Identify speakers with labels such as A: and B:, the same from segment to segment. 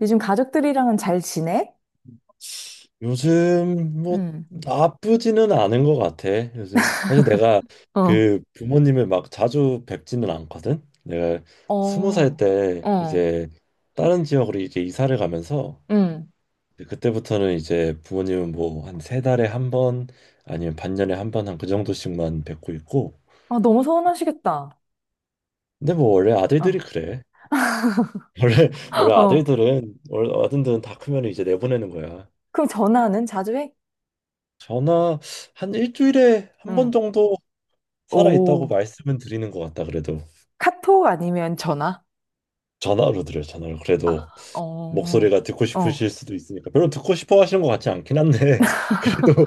A: 요즘 가족들이랑은 잘 지내?
B: 요즘 뭐
A: 응,
B: 나쁘지는 않은 것 같아. 요즘 사실 내가
A: 어.
B: 그 부모님을 막 자주 뵙지는 않거든. 내가 20살
A: 어,
B: 때
A: 어,
B: 이제 다른 지역으로 이제 이사를 가면서
A: 응.
B: 그때부터는 이제 부모님은 뭐 한 세 달에 한 번 아니면 반년에 한 번 한 그 정도씩만 뵙고 있고.
A: 아, 너무 서운하시겠다.
B: 근데 뭐 원래 아들들이
A: 어.
B: 그래. 원래 원래
A: 어,
B: 아들들은 원래 아들들은 다 크면 이제 내보내는 거야.
A: 그럼 전화는 자주 해?
B: 전화 한 일주일에 한
A: 응.
B: 번 정도 살아 있다고
A: 오,
B: 말씀은 드리는 것 같다. 그래도
A: 카톡 아니면 전화?
B: 전화로 드려요. 전화로 그래도
A: 아, 어,
B: 목소리가 듣고 싶으실
A: 어,
B: 수도 있으니까. 별로 듣고 싶어 하시는 것 같지 않긴 한데 그래도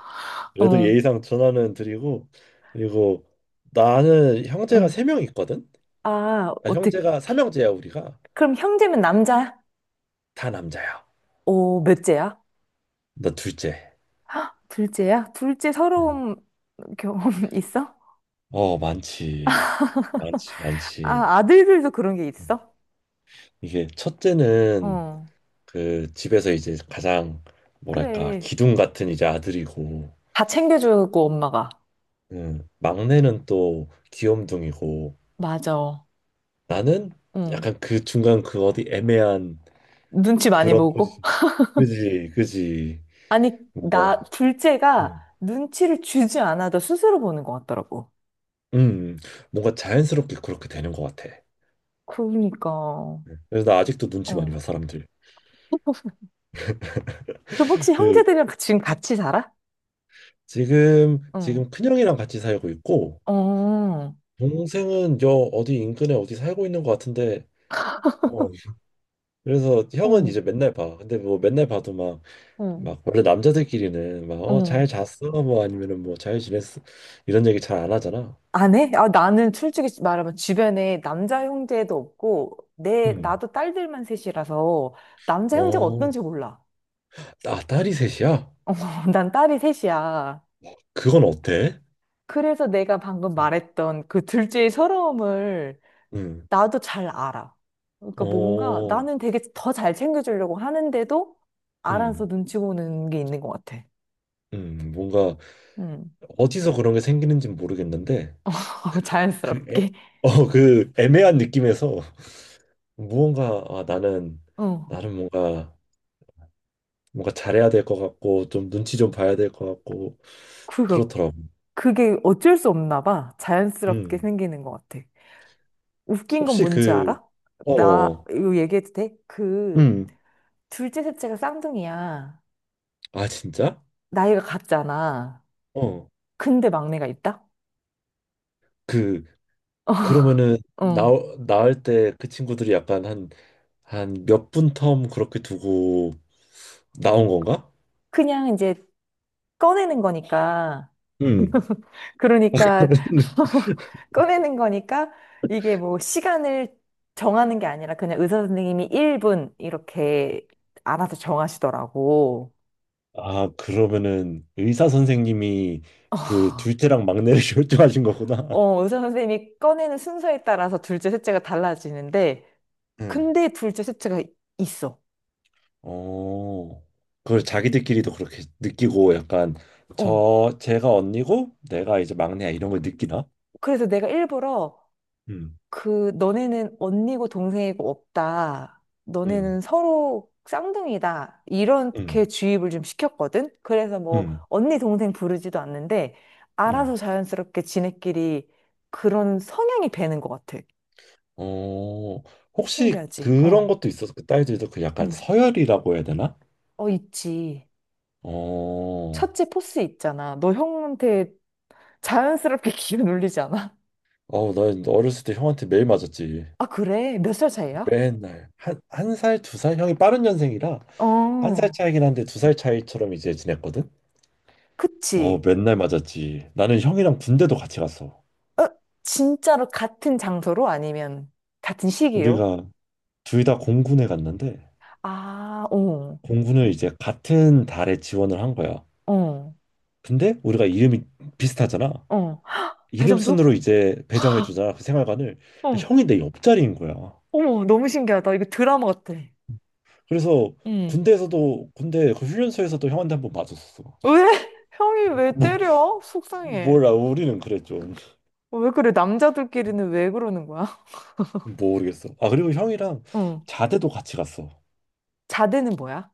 B: 그래도
A: 어,
B: 예의상 전화는 드리고 그리고 나는 형제가
A: 응.
B: 3명 있거든.
A: 아,
B: 아,
A: 어떻게,
B: 형제가 삼형제야. 우리가
A: 그럼 형제면 남자야?
B: 다 남자야.
A: 오, 몇째야?
B: 나 둘째.
A: 둘째야? 둘째 서러움 경험 있어?
B: 어, 많지. 많지, 많지.
A: 아, 아들들도 그런 게 있어?
B: 이게 첫째는
A: 어.
B: 그 집에서 이제 가장 뭐랄까
A: 그래.
B: 기둥 같은 이제 아들이고
A: 다 챙겨주고, 엄마가.
B: 막내는 또 귀염둥이고
A: 맞아.
B: 나는
A: 응.
B: 약간 그 중간 그 어디 애매한
A: 눈치 많이
B: 그런
A: 보고.
B: 포지션. 그지, 그지.
A: 아니,
B: 뭔가
A: 나, 둘째가
B: 음,
A: 눈치를 주지 않아도 스스로 보는 것 같더라고.
B: 음, 뭔가 자연스럽게 그렇게 되는 것 같아.
A: 그러니까, 어.
B: 그래서 나 아직도 눈치 많이 봐 사람들.
A: 그 혹시
B: 그
A: 형제들이랑 그 지금 같이 살아?
B: 지금
A: 응.
B: 지금 큰형이랑 같이 살고 있고
A: 어, 어,
B: 동생은 저 어디 인근에 어디 살고 있는 것 같은데. 어, 그래서 형은 이제 맨날 봐. 근데 뭐 맨날 봐도 막
A: 어,
B: 막 원래 남자들끼리는 막
A: 어.
B: 잘 잤어 뭐 아니면은 뭐 잘 지냈어 이런 얘기 잘 안 하잖아.
A: 안 해? 아, 나는 솔직히 말하면 주변에 남자 형제도 없고, 내,
B: 음.
A: 나도 딸들만 셋이라서 남자 형제가
B: 어.
A: 어떤지 몰라.
B: 아 딸이 셋이야?
A: 난 딸이 셋이야.
B: 그건 어때?
A: 그래서 내가 방금 말했던 그 둘째의 서러움을
B: 음.
A: 나도 잘 알아. 그러니까 뭔가
B: 어.
A: 나는 되게 더 잘 챙겨주려고 하는데도 알아서
B: 음.
A: 눈치 보는 게 있는 것 같아.
B: 음. 뭔가
A: 음.
B: 어디서 그런 게 생기는지 는 모르겠는데 그, 그
A: 자연스럽게.
B: 애, 그 애매한 느낌에서 무언가 나는
A: 어.
B: 나는 뭔가 잘해야 될 것 같고 좀 눈치 좀 봐야 될 것 같고
A: 그거,
B: 그렇더라고.
A: 그게 어쩔 수 없나 봐. 자연스럽게
B: 음.
A: 생기는 것 같아. 웃긴 건
B: 혹시
A: 뭔지
B: 그
A: 알아?
B: 어,
A: 나,
B: 어.
A: 이거 얘기해도 돼? 그,
B: 음.
A: 둘째, 셋째가 쌍둥이야.
B: 아, 진짜?
A: 나이가 같잖아.
B: 어.
A: 근데 막내가 있다?
B: 그 그러면은 나
A: 어.
B: 나올 때 그 친구들이 약간 한 몇 분 텀 그렇게 두고 나온 건가?
A: 그냥 이제 꺼내는 거니까.
B: 음.
A: 그러니까 꺼내는 거니까 이게 뭐 시간을 정하는 게 아니라 그냥 의사 선생님이 1분 이렇게 알아서 정하시더라고.
B: 아, 그러면은 의사 선생님이 그
A: 아,
B: 둘째랑 막내를 결정하신 거구나.
A: 어, 의사 선생님이 꺼내는 순서에 따라서 둘째, 셋째가 달라지는데
B: 응.
A: 근데 둘째, 셋째가 있어.
B: 어. 그걸 자기들끼리도 그렇게 느끼고 약간
A: 어.
B: 제가 언니고 내가 이제 막내야 이런 걸 느끼나?
A: 그래서 내가 일부러
B: 음.
A: 그 너네는 언니고 동생이고 없다.
B: 음.
A: 너네는 서로 쌍둥이다.
B: 음.
A: 이렇게 주입을 좀 시켰거든. 그래서 뭐
B: 음.
A: 언니 동생 부르지도 않는데
B: 음.
A: 알아서 자연스럽게 지네끼리 그런 성향이 배는 것 같아.
B: 어, 혹시
A: 신기하지?
B: 그런
A: 어.
B: 것도 있었어. 그 딸들도 그 약간
A: 응.
B: 서열이라고 해야 되나?
A: 어, 있지.
B: 어,
A: 첫째 포스 있잖아. 너 형한테 자연스럽게 기운 올리지 않아?
B: 어, 나 어렸을 때 형한테 매일 맞았지.
A: 아, 그래? 몇 살 차이야?
B: 맨날 한 살, 2살? 형이 빠른 년생이라 1살
A: 어.
B: 차이긴 한데 2살 차이처럼 이제 지냈거든. 어,
A: 그치.
B: 맨날 맞았지. 나는 형이랑 군대도 같이 갔어.
A: 어? 진짜로 같은 장소로 아니면 같은 시기로?
B: 우리가 둘 다 공군에 갔는데
A: 아, 어,
B: 공군을 이제 같은 달에 지원을 한 거야.
A: 어,
B: 근데 우리가 이름이 비슷하잖아.
A: 어.
B: 이름
A: 대전도?
B: 순으로 이제 배정해 주자 그 생활관을 그러니까
A: 어.
B: 형이 내 옆자리인 거야.
A: 어머, 너무 신기하다. 이거 드라마 같아.
B: 그래서
A: 응.
B: 군대에서도 군대 그 훈련소에서도 형한테 한번 맞았었어.
A: 왜? 형이 왜
B: 뭐
A: 때려? 속상해.
B: 몰라, 우리는 그랬죠.
A: 어, 왜 그래? 남자들끼리는 왜 그러는 거야?
B: 모르겠어. 아 그리고 형이랑
A: 응.
B: 자대도 같이 갔어.
A: 자대는 뭐야?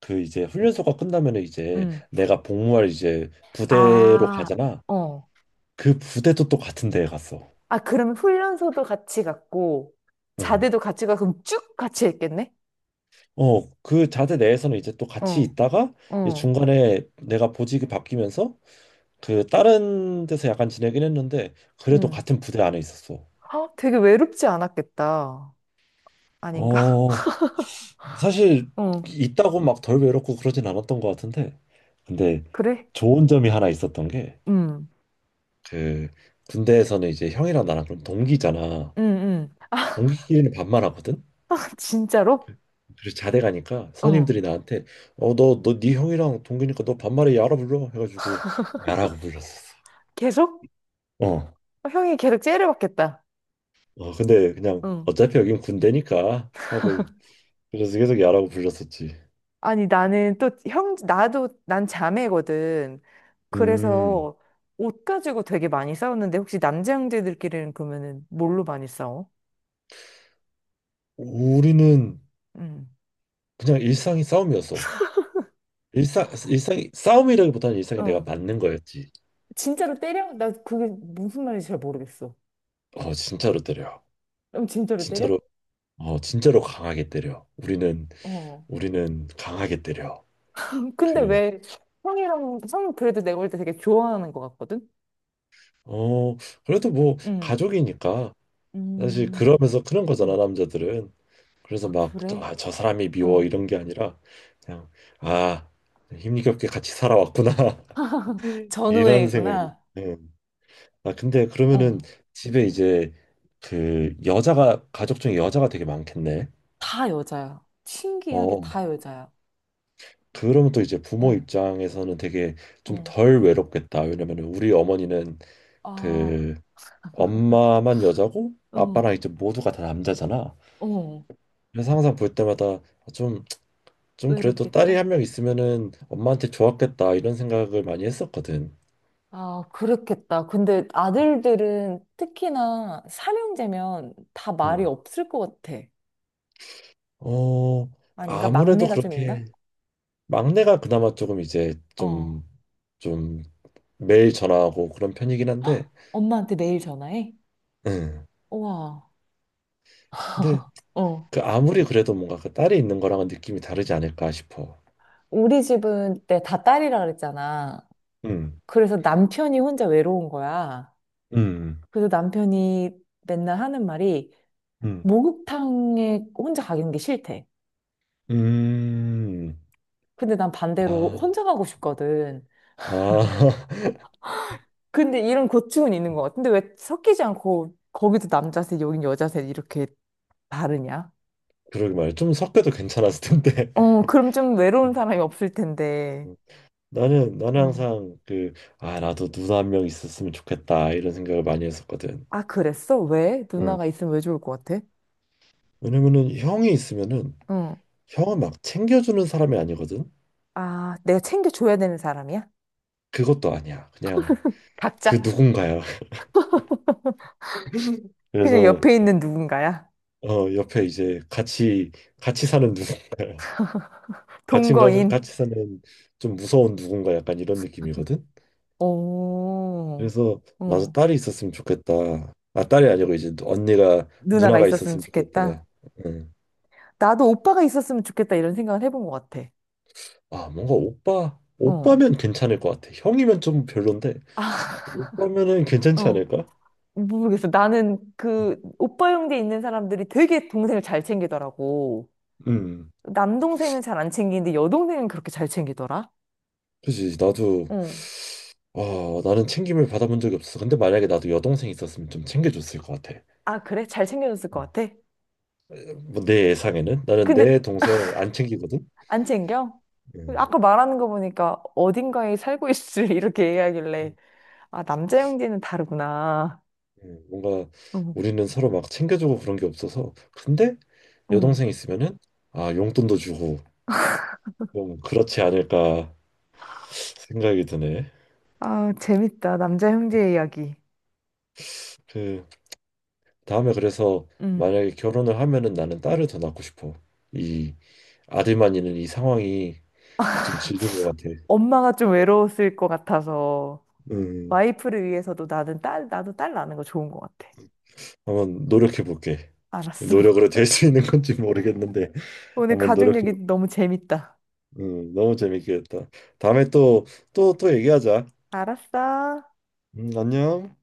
B: 그 이제 훈련소가 끝나면 이제
A: 응.
B: 내가 복무할 이제 부대로
A: 아,
B: 가잖아.
A: 어.
B: 그 부대도 또 같은 데에 갔어.
A: 아, 그러면 훈련소도 같이 갔고,
B: 응.
A: 자대도 같이 가서 그럼 쭉 같이 했겠네?
B: 어, 그 자대 내에서는 이제 또 같이
A: 어,
B: 있다가 이제
A: 어,
B: 중간에 내가 보직이 바뀌면서 그 다른 데서 약간 지내긴 했는데 그래도
A: 응.
B: 같은 부대 안에 있었어.
A: 아, 되게 외롭지 않았겠다. 아닌가?
B: 어, 사실
A: 어,
B: 있다고 막 덜 외롭고 그러진 않았던 것 같은데 근데
A: 그래?
B: 좋은 점이 하나 있었던 게
A: 음,
B: 그 군대에서는 이제 형이랑 나랑 그럼 동기잖아.
A: 음.
B: 동기끼리는 반말하거든.
A: 진짜로?
B: 그래서 자대 가니까
A: 어,
B: 선임들이 나한테 너 네 형이랑 동기니까 너 반말에 야라 불러 해가지고 야라고 불렀었어.
A: 계속?
B: 어.
A: 어, 형이 계속 째려 받겠다.
B: 어 근데 그냥
A: 응.
B: 어차피 여긴 군대니까 하고 그래서 계속 야라고 불렀었지.
A: 아니, 나는 또 형, 나도, 난 자매거든.
B: 음,
A: 그래서 옷 가지고 되게 많이 싸웠는데, 혹시 남자 형제들끼리는 그러면은 뭘로 많이 싸워?
B: 우리는
A: 응.
B: 그냥 일상이 싸움이었어. 싸움이라기보다는 일상이 내가
A: 어.
B: 맞는 거였지.
A: 진짜로 때려? 나 그게 무슨 말인지 잘 모르겠어.
B: 어, 진짜로 때려.
A: 그럼 진짜로 때려?
B: 진짜로, 진짜로 강하게 때려. 우리는,
A: 어.
B: 우리는 강하게 때려.
A: 근데
B: 그,
A: 왜 형이랑, 형 그래도 내가 볼 때 되게 좋아하는 것 같거든?
B: 어, 그래도 뭐,
A: 응.
B: 가족이니까. 사실
A: 음.
B: 그러면서 그런 거잖아,
A: 음.
B: 남자들은. 그래서
A: 아,
B: 막,
A: 그래?
B: 저 사람이 미워,
A: 어.
B: 이런 게 아니라, 그냥, 아, 힘겹게 같이 살아왔구나. 이런 생각이.
A: 전우회구나.
B: 네. 아, 근데 그러면은
A: 어.
B: 집에 이제 그 여자가 가족 중에 여자가 되게 많겠네.
A: 다 여자야. 신기하게
B: 어,
A: 다 여자야.
B: 그러면 또 이제 부모
A: 어,
B: 입장에서는 되게 좀
A: 어.
B: 덜 외롭겠다. 왜냐면 우리 어머니는
A: 아,
B: 그 엄마만 여자고
A: 어,
B: 아빠랑 이제 모두가 다 남자잖아.
A: 어.
B: 그래서 항상 볼 때마다 좀, 좀 그래도 딸이
A: 외롭겠다.
B: 1명 있으면은 엄마한테 좋았겠다 이런 생각을 많이 했었거든.
A: 아, 그렇겠다. 근데 아들들은 특히나 삼형제면 다 말이
B: 음.
A: 없을 것 같아.
B: 어,
A: 아닌가?
B: 아무래도
A: 막내가 좀 있나?
B: 그렇게 막내가 그나마 조금 이제
A: 어.
B: 좀좀 매일 전화하고 그런 편이긴
A: 헉,
B: 한데,
A: 엄마한테 매일 전화해?
B: 음.
A: 우와.
B: 근데
A: 어.
B: 그 아무리 그래도 뭔가 그 딸이 있는 거랑은 느낌이 다르지 않을까 싶어.
A: 우리 집은 때 다 딸이라 그랬잖아.
B: 음,
A: 그래서 남편이 혼자 외로운 거야.
B: 음,
A: 그래서 남편이 맨날 하는 말이
B: 음,
A: 목욕탕에 혼자 가는 게 싫대.
B: 음.
A: 근데 난 반대로
B: 아,
A: 혼자 가고 싶거든.
B: 아,
A: 근데 이런 고충은 있는 것 같아. 근데 왜 섞이지 않고 거기도 남자세, 여긴 여자세 이렇게 다르냐?
B: 그러게 말이야. 좀 섞여도 괜찮았을 텐데.
A: 어, 그럼 좀 외로운 사람이 없을 텐데.
B: 나는
A: 응.
B: 항상 그 나도 누나 1명 있었으면 좋겠다 이런 생각을 많이 했었거든.
A: 아, 그랬어? 왜?
B: 응.
A: 누나가 있으면 왜 좋을 것 같아?
B: 왜냐면은 형이 있으면은
A: 응.
B: 형은 막 챙겨주는 사람이 아니거든.
A: 아, 내가 챙겨줘야 되는 사람이야?
B: 그것도 아니야. 그냥 그
A: 각자
B: 누군가야.
A: 그냥
B: 그래서
A: 옆에 있는 누군가야?
B: 어, 옆에 이제 같이 사는 누군가요.
A: 동거인.
B: 같이 사는 좀 무서운 누군가 약간 이런 느낌이거든.
A: 오,
B: 그래서 나도
A: 응.
B: 딸이 있었으면 좋겠다. 아, 딸이 아니고 이제 언니가
A: 누나가
B: 누나가
A: 있었으면
B: 있었으면
A: 좋겠다.
B: 좋겠다. 응.
A: 나도 오빠가 있었으면 좋겠다 이런 생각을 해본 것 같아.
B: 아, 뭔가
A: 어.
B: 오빠면 괜찮을 것 같아. 형이면 좀 별론데
A: 아,
B: 오빠면은 괜찮지
A: 어.
B: 않을까?
A: 모르겠어. 나는 그 오빠 형제 있는 사람들이 되게 동생을 잘 챙기더라고.
B: 음,
A: 남동생은 잘 안 챙기는데 여동생은 그렇게 잘 챙기더라.
B: 그지. 나도,
A: 응.
B: 나는 챙김을 받아본 적이 없어. 근데 만약에 나도 여동생 있었으면 좀 챙겨줬을 것 같아.
A: 아, 그래? 잘 챙겨줬을 것
B: 응.
A: 같아?
B: 뭐내 예상에는 나는
A: 근데
B: 내 동생 안 챙기거든.
A: 안 챙겨?
B: 음,
A: 아까 말하는 거 보니까 어딘가에 살고 있을 이렇게 얘기하길래 아, 남자 형제는 다르구나.
B: 뭔가
A: 응.
B: 우리는 서로 막 챙겨주고 그런 게 없어서. 근데
A: 응.
B: 여동생 있으면은 용돈도 주고 좀 그렇지 않을까 생각이 드네.
A: 아, 재밌다. 남자 형제 이야기.
B: 그 다음에 그래서
A: 응.
B: 만약에 결혼을 하면은 나는 딸을 더 낳고 싶어. 이 아들만 있는 이 상황이 좀 질린 것 같아.
A: 엄마가 좀 외로웠을 것 같아서
B: 음,
A: 와이프를 위해서도 나는 딸, 나도 딸 낳는 거 좋은 것 같아.
B: 한번 노력해 볼게.
A: 알았어.
B: 노력으로 될 수 있는 건지 모르겠는데
A: 오늘
B: 한번
A: 가족
B: 노력해.
A: 얘기 너무 재밌다.
B: 너무 재밌게 했다. 다음에 또, 또, 또 얘기하자.
A: 알았어.
B: 안녕.